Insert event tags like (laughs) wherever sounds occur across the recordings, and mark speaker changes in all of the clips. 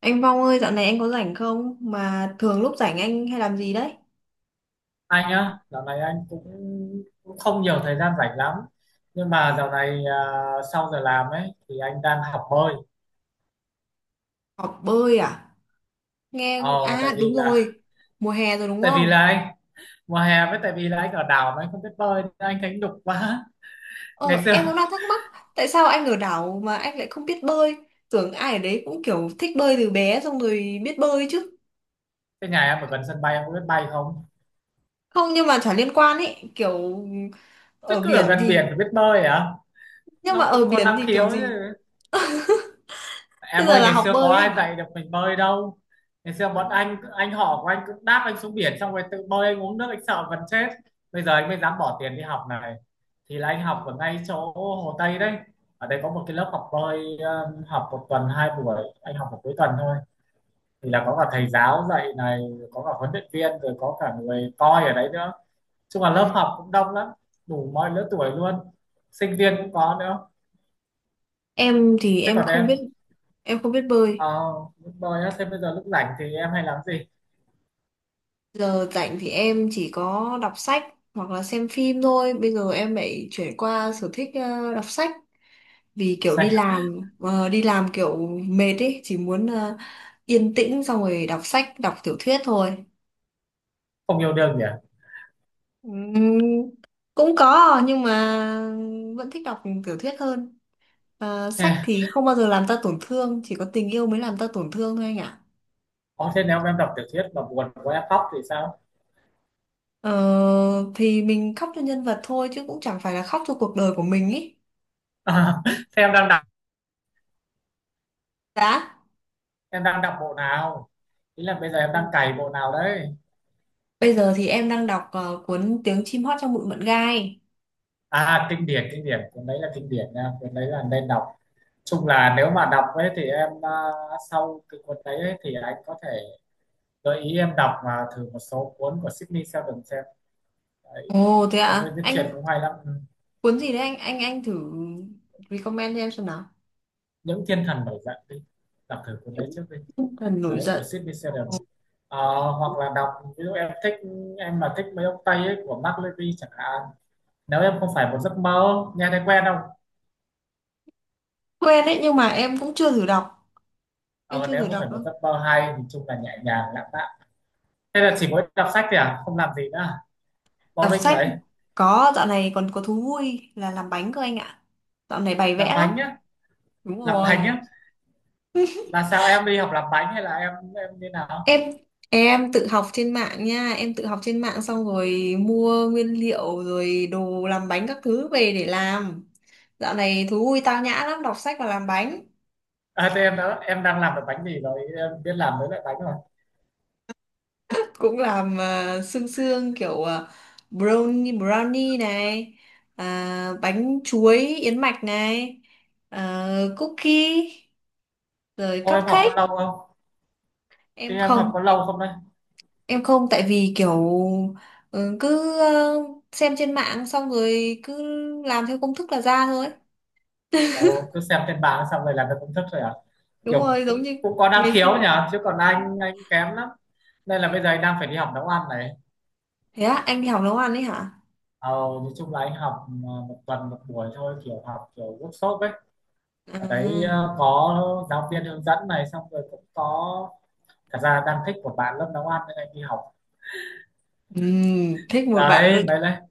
Speaker 1: Anh Vong ơi, dạo này anh có rảnh không? Mà thường lúc rảnh anh hay làm gì đấy?
Speaker 2: Anh á, dạo này anh cũng cũng không nhiều thời gian rảnh lắm. Nhưng mà dạo này, sau giờ làm ấy thì anh đang học bơi.
Speaker 1: Học bơi à? Nghe...
Speaker 2: Ồ, tại
Speaker 1: À
Speaker 2: vì
Speaker 1: đúng
Speaker 2: là
Speaker 1: rồi, mùa hè rồi đúng
Speaker 2: tại vì
Speaker 1: không?
Speaker 2: là anh mùa hè với tại vì là anh ở đảo mà anh không biết bơi nên anh thấy nhục quá. (laughs) Ngày
Speaker 1: Ờ,
Speaker 2: xưa
Speaker 1: em cũng đang thắc mắc, tại sao anh ở đảo mà anh lại không biết bơi? Tưởng ai ở đấy cũng kiểu thích bơi từ bé xong rồi biết bơi chứ.
Speaker 2: cái nhà em ở gần sân bay em có biết bay không?
Speaker 1: Không, nhưng mà chả liên quan ấy, kiểu
Speaker 2: Chứ
Speaker 1: ở
Speaker 2: cứ ở
Speaker 1: biển
Speaker 2: gần biển
Speaker 1: thì...
Speaker 2: phải biết bơi à?
Speaker 1: Nhưng mà
Speaker 2: Nó
Speaker 1: ở
Speaker 2: cũng còn
Speaker 1: biển
Speaker 2: năng
Speaker 1: thì kiểu
Speaker 2: khiếu
Speaker 1: gì?
Speaker 2: chứ.
Speaker 1: Thế
Speaker 2: Em
Speaker 1: giờ
Speaker 2: ơi,
Speaker 1: là
Speaker 2: ngày
Speaker 1: học
Speaker 2: xưa có
Speaker 1: bơi ấy
Speaker 2: ai
Speaker 1: hả?
Speaker 2: dạy được mình bơi đâu. Ngày xưa bọn
Speaker 1: Ừ.
Speaker 2: anh họ của anh cũng đáp anh xuống biển. Xong rồi tự bơi anh uống nước, anh sợ gần chết. Bây giờ anh mới dám bỏ tiền đi học này. Thì là anh học ở ngay chỗ Hồ Tây đấy. Ở đây có một cái lớp học bơi. Học một tuần hai buổi, anh học một cuối tuần thôi. Thì là có cả thầy giáo dạy này, có cả huấn luyện viên, rồi có cả người coi ở đấy nữa. Chung là
Speaker 1: Ừ.
Speaker 2: lớp học cũng đông lắm, đủ mọi lứa tuổi luôn, sinh viên cũng có nữa.
Speaker 1: Em thì
Speaker 2: Thế còn em?
Speaker 1: em không biết bơi.
Speaker 2: Ờ, bơi á, thế bây giờ lúc rảnh thì em hay làm gì?
Speaker 1: Giờ rảnh thì em chỉ có đọc sách hoặc là xem phim thôi. Bây giờ em lại chuyển qua sở thích đọc sách vì kiểu đi
Speaker 2: Sao
Speaker 1: làm đi làm kiểu mệt ấy, chỉ muốn yên tĩnh xong rồi đọc sách, đọc tiểu thuyết thôi.
Speaker 2: không yêu đương nhỉ?
Speaker 1: Ừm, cũng có nhưng mà vẫn thích đọc tiểu thuyết hơn. Ờ,
Speaker 2: Ê,
Speaker 1: sách thì không bao giờ làm ta tổn thương, chỉ có tình yêu mới làm ta tổn thương thôi anh ạ.
Speaker 2: ồ, thế nếu em đọc tiểu thuyết mà buồn quá em khóc thì sao?
Speaker 1: Ờ, thì mình khóc cho nhân vật thôi chứ cũng chẳng phải là khóc cho cuộc đời của mình ý.
Speaker 2: (laughs) thế em đang đọc,
Speaker 1: Đã.
Speaker 2: em đang đọc bộ nào, ý là bây giờ em đang cày bộ nào đấy?
Speaker 1: Bây giờ thì em đang đọc cuốn Tiếng chim hót trong bụi mận gai.
Speaker 2: À, kinh điển kinh điển, cuốn đấy là kinh điển nha, cuốn đấy là nên đọc. Chung là nếu mà đọc ấy thì em, sau cái cuốn đấy ấy, thì anh có thể gợi ý em đọc, mà thử một số cuốn của Sydney Sheldon xem đấy.
Speaker 1: Ồ thế ạ,
Speaker 2: Ông ấy
Speaker 1: à?
Speaker 2: viết truyện
Speaker 1: Anh
Speaker 2: cũng hay lắm. Ừ.
Speaker 1: cuốn gì đấy anh anh thử recommend cho em xem nào.
Speaker 2: Những thiên thần nổi dậy đi, đọc thử cuốn đấy
Speaker 1: Những
Speaker 2: trước đi.
Speaker 1: tinh thần nổi
Speaker 2: Đấy của
Speaker 1: giận.
Speaker 2: Sidney Sheldon. Ờ, hoặc là đọc ví dụ em thích, em mà thích mấy ông Tây ấy, của Mark Levy chẳng hạn. Nếu em không phải một giấc mơ, nghe thấy quen không?
Speaker 1: Quen đấy nhưng mà em cũng chưa thử đọc. Em
Speaker 2: Ờ,
Speaker 1: chưa
Speaker 2: Nếu
Speaker 1: thử
Speaker 2: không phải
Speaker 1: đọc đâu.
Speaker 2: một giấc mơ hay thì chung là nhẹ nhàng lãng mạn. Thế là chỉ mỗi đọc sách thì không làm gì nữa à?
Speaker 1: Đọc
Speaker 2: Boring
Speaker 1: sách
Speaker 2: đấy.
Speaker 1: có dạo này còn có thú vui là làm bánh cơ anh ạ. Dạo này bày vẽ
Speaker 2: Làm
Speaker 1: lắm.
Speaker 2: bánh á?
Speaker 1: Đúng
Speaker 2: Làm
Speaker 1: rồi.
Speaker 2: bánh á là sao, em đi học làm bánh hay là em như nào?
Speaker 1: em em tự học trên mạng nha, em tự học trên mạng xong rồi mua nguyên liệu rồi đồ làm bánh các thứ về để làm. Dạo này thú vui tao nhã lắm, đọc sách và làm bánh.
Speaker 2: À, thế em đó, em đang làm được bánh gì rồi, em biết làm mấy loại bánh rồi?
Speaker 1: Cũng làm sương sương kiểu brownie brownie này, à, bánh chuối yến mạch này, cookie rồi
Speaker 2: Ô em học có
Speaker 1: cupcake.
Speaker 2: lâu không, thì
Speaker 1: em
Speaker 2: em học
Speaker 1: không
Speaker 2: có lâu không đây?
Speaker 1: em không tại vì kiểu ừ, cứ xem trên mạng xong rồi cứ làm theo công thức là ra thôi.
Speaker 2: Ồ, cứ xem trên mạng xong rồi là nó cũng thích rồi à?
Speaker 1: Đúng
Speaker 2: Kiểu
Speaker 1: rồi, giống
Speaker 2: cũng
Speaker 1: như
Speaker 2: cũng có năng
Speaker 1: ngày xưa.
Speaker 2: khiếu nhỉ, chứ còn anh kém lắm. Nên là bây giờ anh đang phải đi học nấu ăn này.
Speaker 1: Thế á, anh đi học nấu ăn ấy hả?
Speaker 2: Ờ, nói chung là anh học một tuần một buổi thôi, kiểu học kiểu workshop ấy. Ở đấy
Speaker 1: À,
Speaker 2: có giáo viên hướng dẫn này, xong rồi cũng có, thật ra đang thích một bạn lớp nấu ăn nên anh đi học.
Speaker 1: thích một bạn
Speaker 2: Đấy
Speaker 1: luôn.
Speaker 2: mới lại.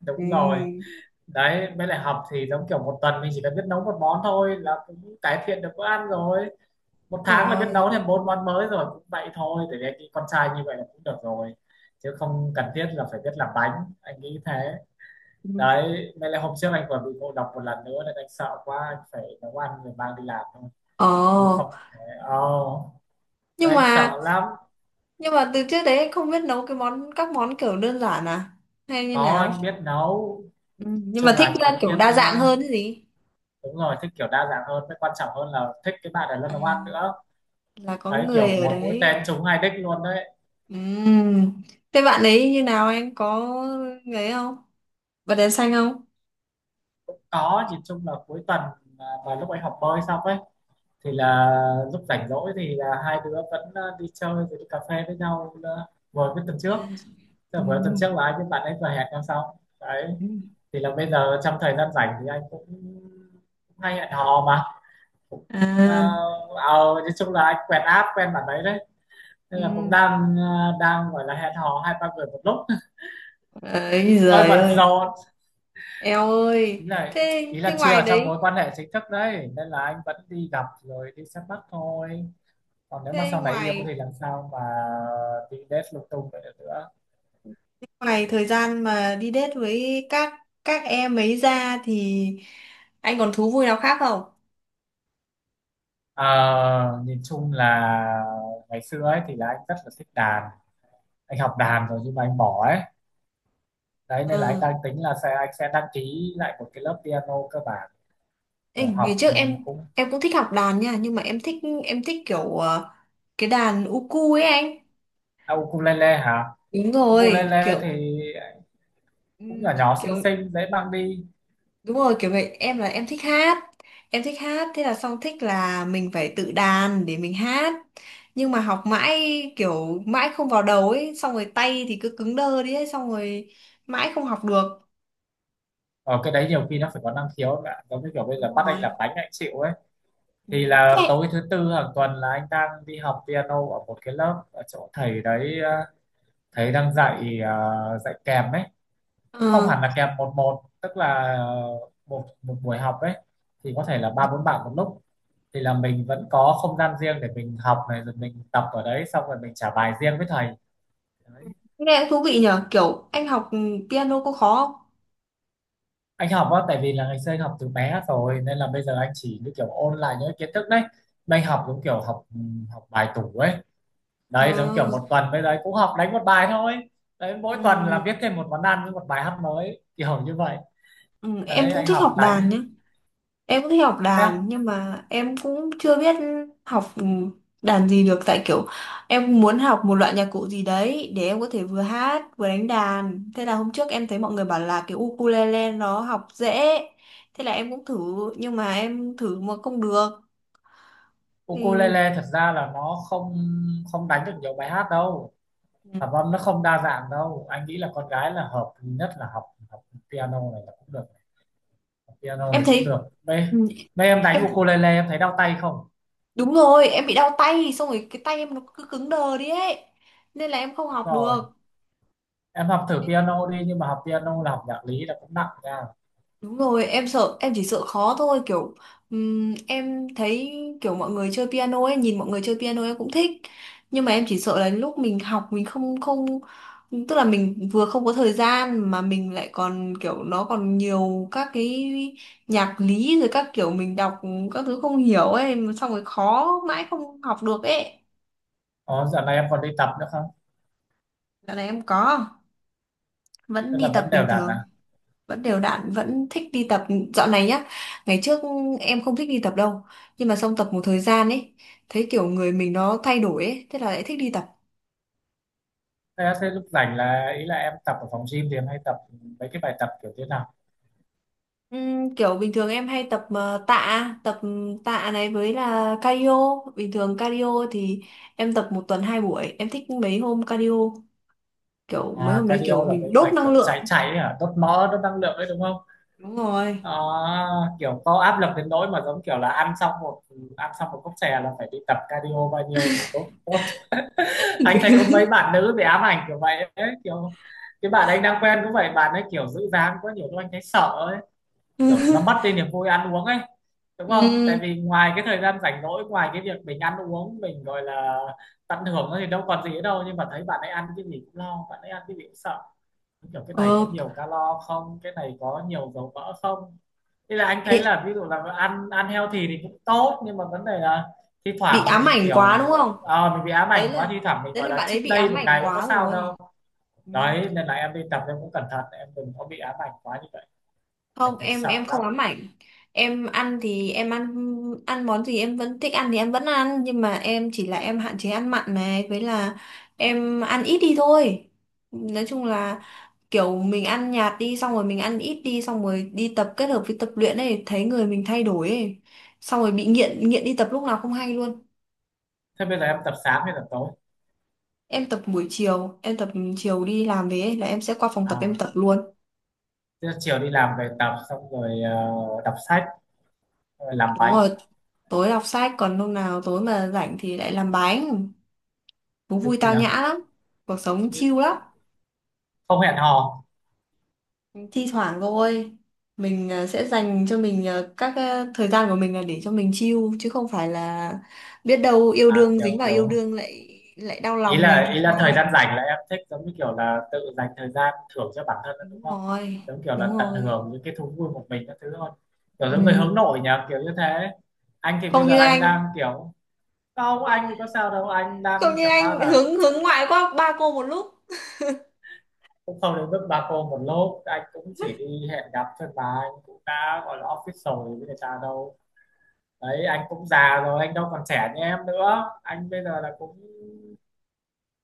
Speaker 2: Đúng rồi.
Speaker 1: Ừm,
Speaker 2: Đấy mới lại, học thì giống kiểu một tuần mình chỉ cần biết nấu một món thôi là cũng cải thiện được bữa ăn rồi. Một
Speaker 1: đúng
Speaker 2: tháng là biết nấu
Speaker 1: rồi.
Speaker 2: thêm bốn món mới rồi, cũng vậy thôi, để cái con trai như vậy là cũng được rồi. Chứ không cần thiết là phải biết làm bánh, anh nghĩ thế.
Speaker 1: Ừm.
Speaker 2: Đấy nên là hôm trước anh còn bị ngộ độc một lần nữa nên anh sợ quá, anh phải nấu ăn rồi mang đi làm thôi,
Speaker 1: Ồ,
Speaker 2: chứ không thể. oh,
Speaker 1: nhưng
Speaker 2: anh
Speaker 1: mà,
Speaker 2: sợ lắm.
Speaker 1: nhưng mà từ trước đấy anh không biết nấu cái món, các món kiểu đơn giản à, hay như
Speaker 2: Có,
Speaker 1: nào?
Speaker 2: anh biết nấu,
Speaker 1: Nhưng mà
Speaker 2: chung là
Speaker 1: thích
Speaker 2: anh
Speaker 1: là
Speaker 2: vẫn
Speaker 1: kiểu
Speaker 2: biết,
Speaker 1: đa dạng hơn cái gì.
Speaker 2: đúng rồi, thích kiểu đa dạng hơn, cái quan trọng hơn là thích cái bạn ở lên
Speaker 1: À,
Speaker 2: nấu ăn nữa.
Speaker 1: là có
Speaker 2: Đấy,
Speaker 1: người
Speaker 2: kiểu
Speaker 1: ở
Speaker 2: một mũi tên
Speaker 1: đấy.
Speaker 2: trúng hai đích luôn đấy.
Speaker 1: Ừm, thế bạn ấy như nào, anh có người ấy không, bật đèn xanh không?
Speaker 2: Có, nhìn chung là cuối tuần, và lúc anh học bơi xong ấy thì là lúc rảnh rỗi thì là hai đứa vẫn, đi chơi rồi đi cà phê với nhau, vừa với tuần
Speaker 1: À,
Speaker 2: trước. Tức là vừa tuần
Speaker 1: ừm,
Speaker 2: trước là anh với bạn ấy vừa hẹn nhau xong đấy.
Speaker 1: ừm.
Speaker 2: Thì là bây giờ trong thời gian rảnh thì anh cũng hay hẹn hò mà, cũng
Speaker 1: À.
Speaker 2: ờ, nói chung là anh quen app quen bạn đấy đấy, nên là cũng đang, đang gọi là hẹn hò hai ba người một lúc,
Speaker 1: Ấy
Speaker 2: hơi
Speaker 1: giời
Speaker 2: bận
Speaker 1: ơi,
Speaker 2: rộn.
Speaker 1: eo ơi.
Speaker 2: ý là
Speaker 1: Thế
Speaker 2: ý
Speaker 1: thế
Speaker 2: là
Speaker 1: ngoài
Speaker 2: chưa trong
Speaker 1: đấy,
Speaker 2: mối quan hệ chính thức đấy, nên là anh vẫn đi gặp rồi đi xem mắt thôi, còn nếu mà
Speaker 1: thế
Speaker 2: sau này yêu
Speaker 1: ngoài
Speaker 2: thì làm sao mà đi date lung tung vậy được nữa.
Speaker 1: ngoài thời gian mà đi date với các em ấy ra thì anh còn thú vui nào khác không?
Speaker 2: Ờ, nhìn chung là ngày xưa ấy thì là anh rất là thích đàn, anh học đàn rồi nhưng mà anh bỏ ấy. Đấy
Speaker 1: Ừ.
Speaker 2: nên là anh đang tính là anh sẽ đăng ký lại một cái lớp piano cơ bản.
Speaker 1: Ê,
Speaker 2: Kiểu
Speaker 1: ngày
Speaker 2: học,
Speaker 1: trước
Speaker 2: cũng,
Speaker 1: em cũng thích học đàn nha, nhưng mà em thích kiểu cái đàn uku ấy anh.
Speaker 2: ukulele hả?
Speaker 1: Đúng rồi,
Speaker 2: Ukulele thì
Speaker 1: kiểu
Speaker 2: cũng
Speaker 1: ừm,
Speaker 2: nhỏ nhỏ xinh
Speaker 1: kiểu
Speaker 2: xinh, dễ mang đi.
Speaker 1: Đúng rồi, kiểu vậy em là em thích hát. Em thích hát thế là xong thích là mình phải tự đàn để mình hát. Nhưng mà học mãi kiểu mãi không vào đầu ấy, xong rồi tay thì cứ cứng đơ đi ấy, xong rồi mãi không học được.
Speaker 2: Ở cái đấy nhiều khi nó phải có năng khiếu ấy bạn, giống như kiểu bây giờ
Speaker 1: Đúng
Speaker 2: bắt anh
Speaker 1: rồi.
Speaker 2: làm bánh anh chịu ấy.
Speaker 1: Ừ.
Speaker 2: Thì là
Speaker 1: Thế
Speaker 2: tối thứ tư hàng tuần là anh đang đi học piano ở một cái lớp ở chỗ thầy đấy, thầy đang dạy, dạy kèm ấy.
Speaker 1: ờ
Speaker 2: Cũng không hẳn là kèm một một, tức là một một buổi học ấy, thì có thể là ba bốn bạn một lúc. Thì là mình vẫn có không gian riêng để mình học này, rồi mình tập ở đấy xong rồi mình trả bài riêng với thầy đấy.
Speaker 1: nghe cũng thú vị nhở, kiểu anh học piano có khó không?
Speaker 2: Anh học á, tại vì là ngày xưa anh học từ bé rồi nên là bây giờ anh chỉ như kiểu ôn lại những cái kiến thức đấy. Mà anh học giống kiểu học, học bài tủ ấy. Đấy, giống
Speaker 1: Ờ,
Speaker 2: kiểu một tuần bây giờ cũng học đánh một bài thôi. Đấy, mỗi tuần là
Speaker 1: ừ,
Speaker 2: viết thêm một món ăn với một bài hát mới kiểu như vậy.
Speaker 1: ừ, em
Speaker 2: Đấy
Speaker 1: cũng
Speaker 2: anh
Speaker 1: thích
Speaker 2: học
Speaker 1: học
Speaker 2: đánh.
Speaker 1: đàn nhá. Em cũng thích học
Speaker 2: Thế,
Speaker 1: đàn nhưng mà em cũng chưa biết học đàn gì được tại kiểu em muốn học một loại nhạc cụ gì đấy để em có thể vừa hát vừa đánh đàn. Thế là hôm trước em thấy mọi người bảo là cái ukulele nó học dễ. Thế là em cũng thử nhưng mà em thử mà không được thì
Speaker 2: ukulele thật ra là nó không không đánh được nhiều bài hát đâu, hợp âm nó không đa dạng đâu. Anh nghĩ là con gái là hợp nhất là học học piano này là cũng được, học piano
Speaker 1: em
Speaker 2: này cũng
Speaker 1: thấy
Speaker 2: được đây.
Speaker 1: ừ,
Speaker 2: Đây em đánh
Speaker 1: em
Speaker 2: ukulele em thấy đau tay không?
Speaker 1: đúng rồi, em bị đau tay xong rồi cái tay em nó cứ cứng đờ đi ấy. Nên là em không
Speaker 2: Đúng
Speaker 1: học
Speaker 2: rồi,
Speaker 1: được.
Speaker 2: em học thử piano đi, nhưng mà học piano là học nhạc lý là cũng nặng nha.
Speaker 1: Đúng rồi, em sợ, em chỉ sợ khó thôi, kiểu em thấy kiểu mọi người chơi piano ấy, nhìn mọi người chơi piano em cũng thích. Nhưng mà em chỉ sợ là lúc mình học mình không không tức là mình vừa không có thời gian mà mình lại còn kiểu nó còn nhiều các cái nhạc lý rồi các kiểu mình đọc các thứ không hiểu ấy, xong rồi khó mãi không học được ấy.
Speaker 2: Ồ, giờ này em còn đi tập nữa không?
Speaker 1: Dạo này em có, vẫn
Speaker 2: Tức
Speaker 1: đi
Speaker 2: là
Speaker 1: tập
Speaker 2: vẫn
Speaker 1: bình
Speaker 2: đều đặn
Speaker 1: thường.
Speaker 2: à?
Speaker 1: Vẫn đều đặn, vẫn thích đi tập dạo này nhá. Ngày trước em không thích đi tập đâu nhưng mà xong tập một thời gian ấy thấy kiểu người mình nó thay đổi ấy, thế là lại thích đi tập.
Speaker 2: Thế, thế lúc rảnh là ý là em tập ở phòng gym thì em hay tập mấy cái bài tập kiểu thế nào?
Speaker 1: Kiểu bình thường em hay tập tạ, tập tạ này với là cardio. Bình thường cardio thì em tập một tuần hai buổi, em thích mấy hôm cardio kiểu mấy
Speaker 2: À,
Speaker 1: hôm đấy
Speaker 2: cardio
Speaker 1: kiểu
Speaker 2: là
Speaker 1: mình
Speaker 2: mấy
Speaker 1: đốt
Speaker 2: bài
Speaker 1: năng
Speaker 2: kiểu chạy
Speaker 1: lượng.
Speaker 2: chạy ấy hả? Đốt mỡ, đốt năng lượng ấy đúng không?
Speaker 1: Đúng rồi.
Speaker 2: À, kiểu có áp lực đến nỗi mà giống kiểu là ăn xong một cốc chè là phải đi tập cardio bao nhiêu để đốt đốt. (laughs) Anh thấy có mấy
Speaker 1: (laughs)
Speaker 2: bạn nữ bị ám ảnh kiểu vậy ấy, kiểu cái bạn anh đang quen cũng vậy, bạn ấy kiểu giữ dáng quá nhiều lúc anh thấy sợ ấy. Kiểu nó mất đi niềm vui ăn uống ấy, đúng không? Tại
Speaker 1: Ừm,
Speaker 2: vì ngoài cái thời gian rảnh rỗi, ngoài cái việc mình ăn uống mình gọi là tận hưởng nó thì đâu còn gì nữa đâu, nhưng mà thấy bạn ấy ăn cái gì cũng lo, bạn ấy ăn cái gì cũng sợ. Kiểu cái này có
Speaker 1: ờ,
Speaker 2: nhiều calo không, cái này có nhiều dầu mỡ không? Thế là anh thấy
Speaker 1: ê,
Speaker 2: là ví dụ là ăn ăn healthy thì cũng tốt, nhưng mà vấn đề là thi
Speaker 1: bị
Speaker 2: thoảng
Speaker 1: ám
Speaker 2: mình
Speaker 1: ảnh quá đúng
Speaker 2: kiểu,
Speaker 1: không,
Speaker 2: mình bị ám
Speaker 1: đấy
Speaker 2: ảnh
Speaker 1: là
Speaker 2: quá, thi thoảng mình
Speaker 1: đấy
Speaker 2: gọi
Speaker 1: là
Speaker 2: là
Speaker 1: bạn ấy
Speaker 2: cheat
Speaker 1: bị
Speaker 2: day
Speaker 1: ám
Speaker 2: một
Speaker 1: ảnh
Speaker 2: ngày cũng có
Speaker 1: quá
Speaker 2: sao
Speaker 1: rồi.
Speaker 2: đâu.
Speaker 1: Ừ.
Speaker 2: Đấy nên là em đi tập em cũng cẩn thận, em đừng có bị ám ảnh quá như vậy, anh
Speaker 1: Không,
Speaker 2: thấy
Speaker 1: em em
Speaker 2: sợ
Speaker 1: không
Speaker 2: lắm.
Speaker 1: ám ảnh, em ăn thì em ăn, ăn món gì em vẫn thích ăn thì em vẫn ăn, nhưng mà em chỉ là em hạn chế ăn mặn này với là em ăn ít đi thôi. Nói chung là kiểu mình ăn nhạt đi xong rồi mình ăn ít đi xong rồi đi tập kết hợp với tập luyện ấy thấy người mình thay đổi ấy, xong rồi bị nghiện, đi tập lúc nào không hay luôn.
Speaker 2: Thế bây giờ em tập sáng hay tập tối?
Speaker 1: Em tập buổi chiều, em tập chiều đi làm về ấy, là em sẽ qua phòng tập em
Speaker 2: À,
Speaker 1: tập luôn.
Speaker 2: thế chiều đi làm về tập xong rồi, đọc sách rồi làm
Speaker 1: Đúng
Speaker 2: bánh.
Speaker 1: rồi, tối đọc sách còn hôm nào tối mà rảnh thì lại làm bánh. Thú
Speaker 2: Ừ.
Speaker 1: vui tao nhã lắm, cuộc sống chill lắm.
Speaker 2: Không hẹn hò?
Speaker 1: Thi thoảng thôi, mình sẽ dành cho mình các thời gian của mình là để cho mình chill chứ không phải là biết đâu yêu
Speaker 2: À,
Speaker 1: đương
Speaker 2: kiểu
Speaker 1: dính vào yêu
Speaker 2: kiểu
Speaker 1: đương lại lại đau
Speaker 2: ý
Speaker 1: lòng mình
Speaker 2: là
Speaker 1: thì
Speaker 2: ý là thời
Speaker 1: sao?
Speaker 2: gian rảnh là em thích giống như kiểu là tự dành thời gian thưởng cho bản thân đó, đúng
Speaker 1: Đúng
Speaker 2: không?
Speaker 1: rồi,
Speaker 2: Giống kiểu
Speaker 1: đúng
Speaker 2: là tận
Speaker 1: rồi.
Speaker 2: hưởng những cái thú vui một mình các thứ thôi. Kiểu giống người
Speaker 1: Ừm,
Speaker 2: hướng nội nhỉ, kiểu như thế. Anh thì bây
Speaker 1: không
Speaker 2: giờ
Speaker 1: như
Speaker 2: anh
Speaker 1: anh,
Speaker 2: đang kiểu. Không, anh thì có sao đâu, anh
Speaker 1: không
Speaker 2: đang
Speaker 1: như
Speaker 2: chẳng qua
Speaker 1: anh
Speaker 2: là
Speaker 1: hướng hướng ngoại quá ba cô một lúc.
Speaker 2: cũng không đến mức ba cô một lốp, anh cũng chỉ đi hẹn gặp thôi, mà anh cũng đã gọi là office rồi với người ta đâu. Đấy anh cũng già rồi, anh đâu còn trẻ như em nữa. Anh bây giờ là cũng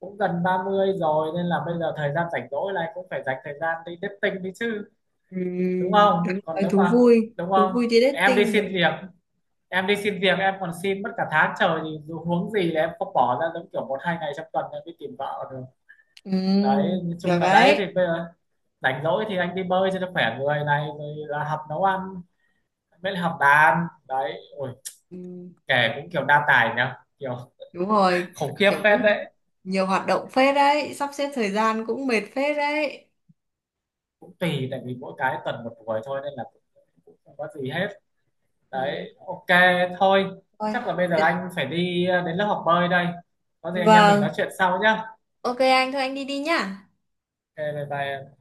Speaker 2: cũng gần 30 rồi, nên là bây giờ thời gian rảnh rỗi là anh cũng phải dành thời gian đi dating đi chứ.
Speaker 1: Ừ,
Speaker 2: Đúng không?
Speaker 1: đúng
Speaker 2: Còn
Speaker 1: rồi,
Speaker 2: nếu mà, đúng
Speaker 1: thú
Speaker 2: không,
Speaker 1: vui đi
Speaker 2: em đi
Speaker 1: dating
Speaker 2: xin
Speaker 1: được.
Speaker 2: việc em đi xin việc em còn xin mất cả tháng trời, thì dù huống gì là em không bỏ ra giống kiểu một hai ngày trong tuần em đi tìm vợ được.
Speaker 1: Ừ,
Speaker 2: Đấy nói
Speaker 1: được
Speaker 2: chung là đấy thì
Speaker 1: đấy.
Speaker 2: bây giờ rảnh rỗi thì anh đi bơi cho nó khỏe người này, rồi là học nấu ăn, mới là học đàn đấy, ôi.
Speaker 1: Ừ,
Speaker 2: Kể cũng kiểu đa tài nhá, kiểu. (laughs)
Speaker 1: đúng rồi,
Speaker 2: khủng khiếp
Speaker 1: kiểu
Speaker 2: phết
Speaker 1: cũng
Speaker 2: đấy.
Speaker 1: nhiều hoạt động phết đấy, sắp xếp thời gian cũng mệt phết đấy.
Speaker 2: Cũng tùy, tại vì mỗi cái tuần một buổi thôi, nên là cũng cũng không có gì hết.
Speaker 1: Ừ.
Speaker 2: Đấy ok, thôi
Speaker 1: Thôi.
Speaker 2: chắc là bây giờ anh phải đi đến lớp học bơi đây. Có gì anh em mình nói
Speaker 1: Vâng,
Speaker 2: chuyện sau nhá.
Speaker 1: ok anh, thôi anh đi đi nhá.
Speaker 2: Ok, bye bye.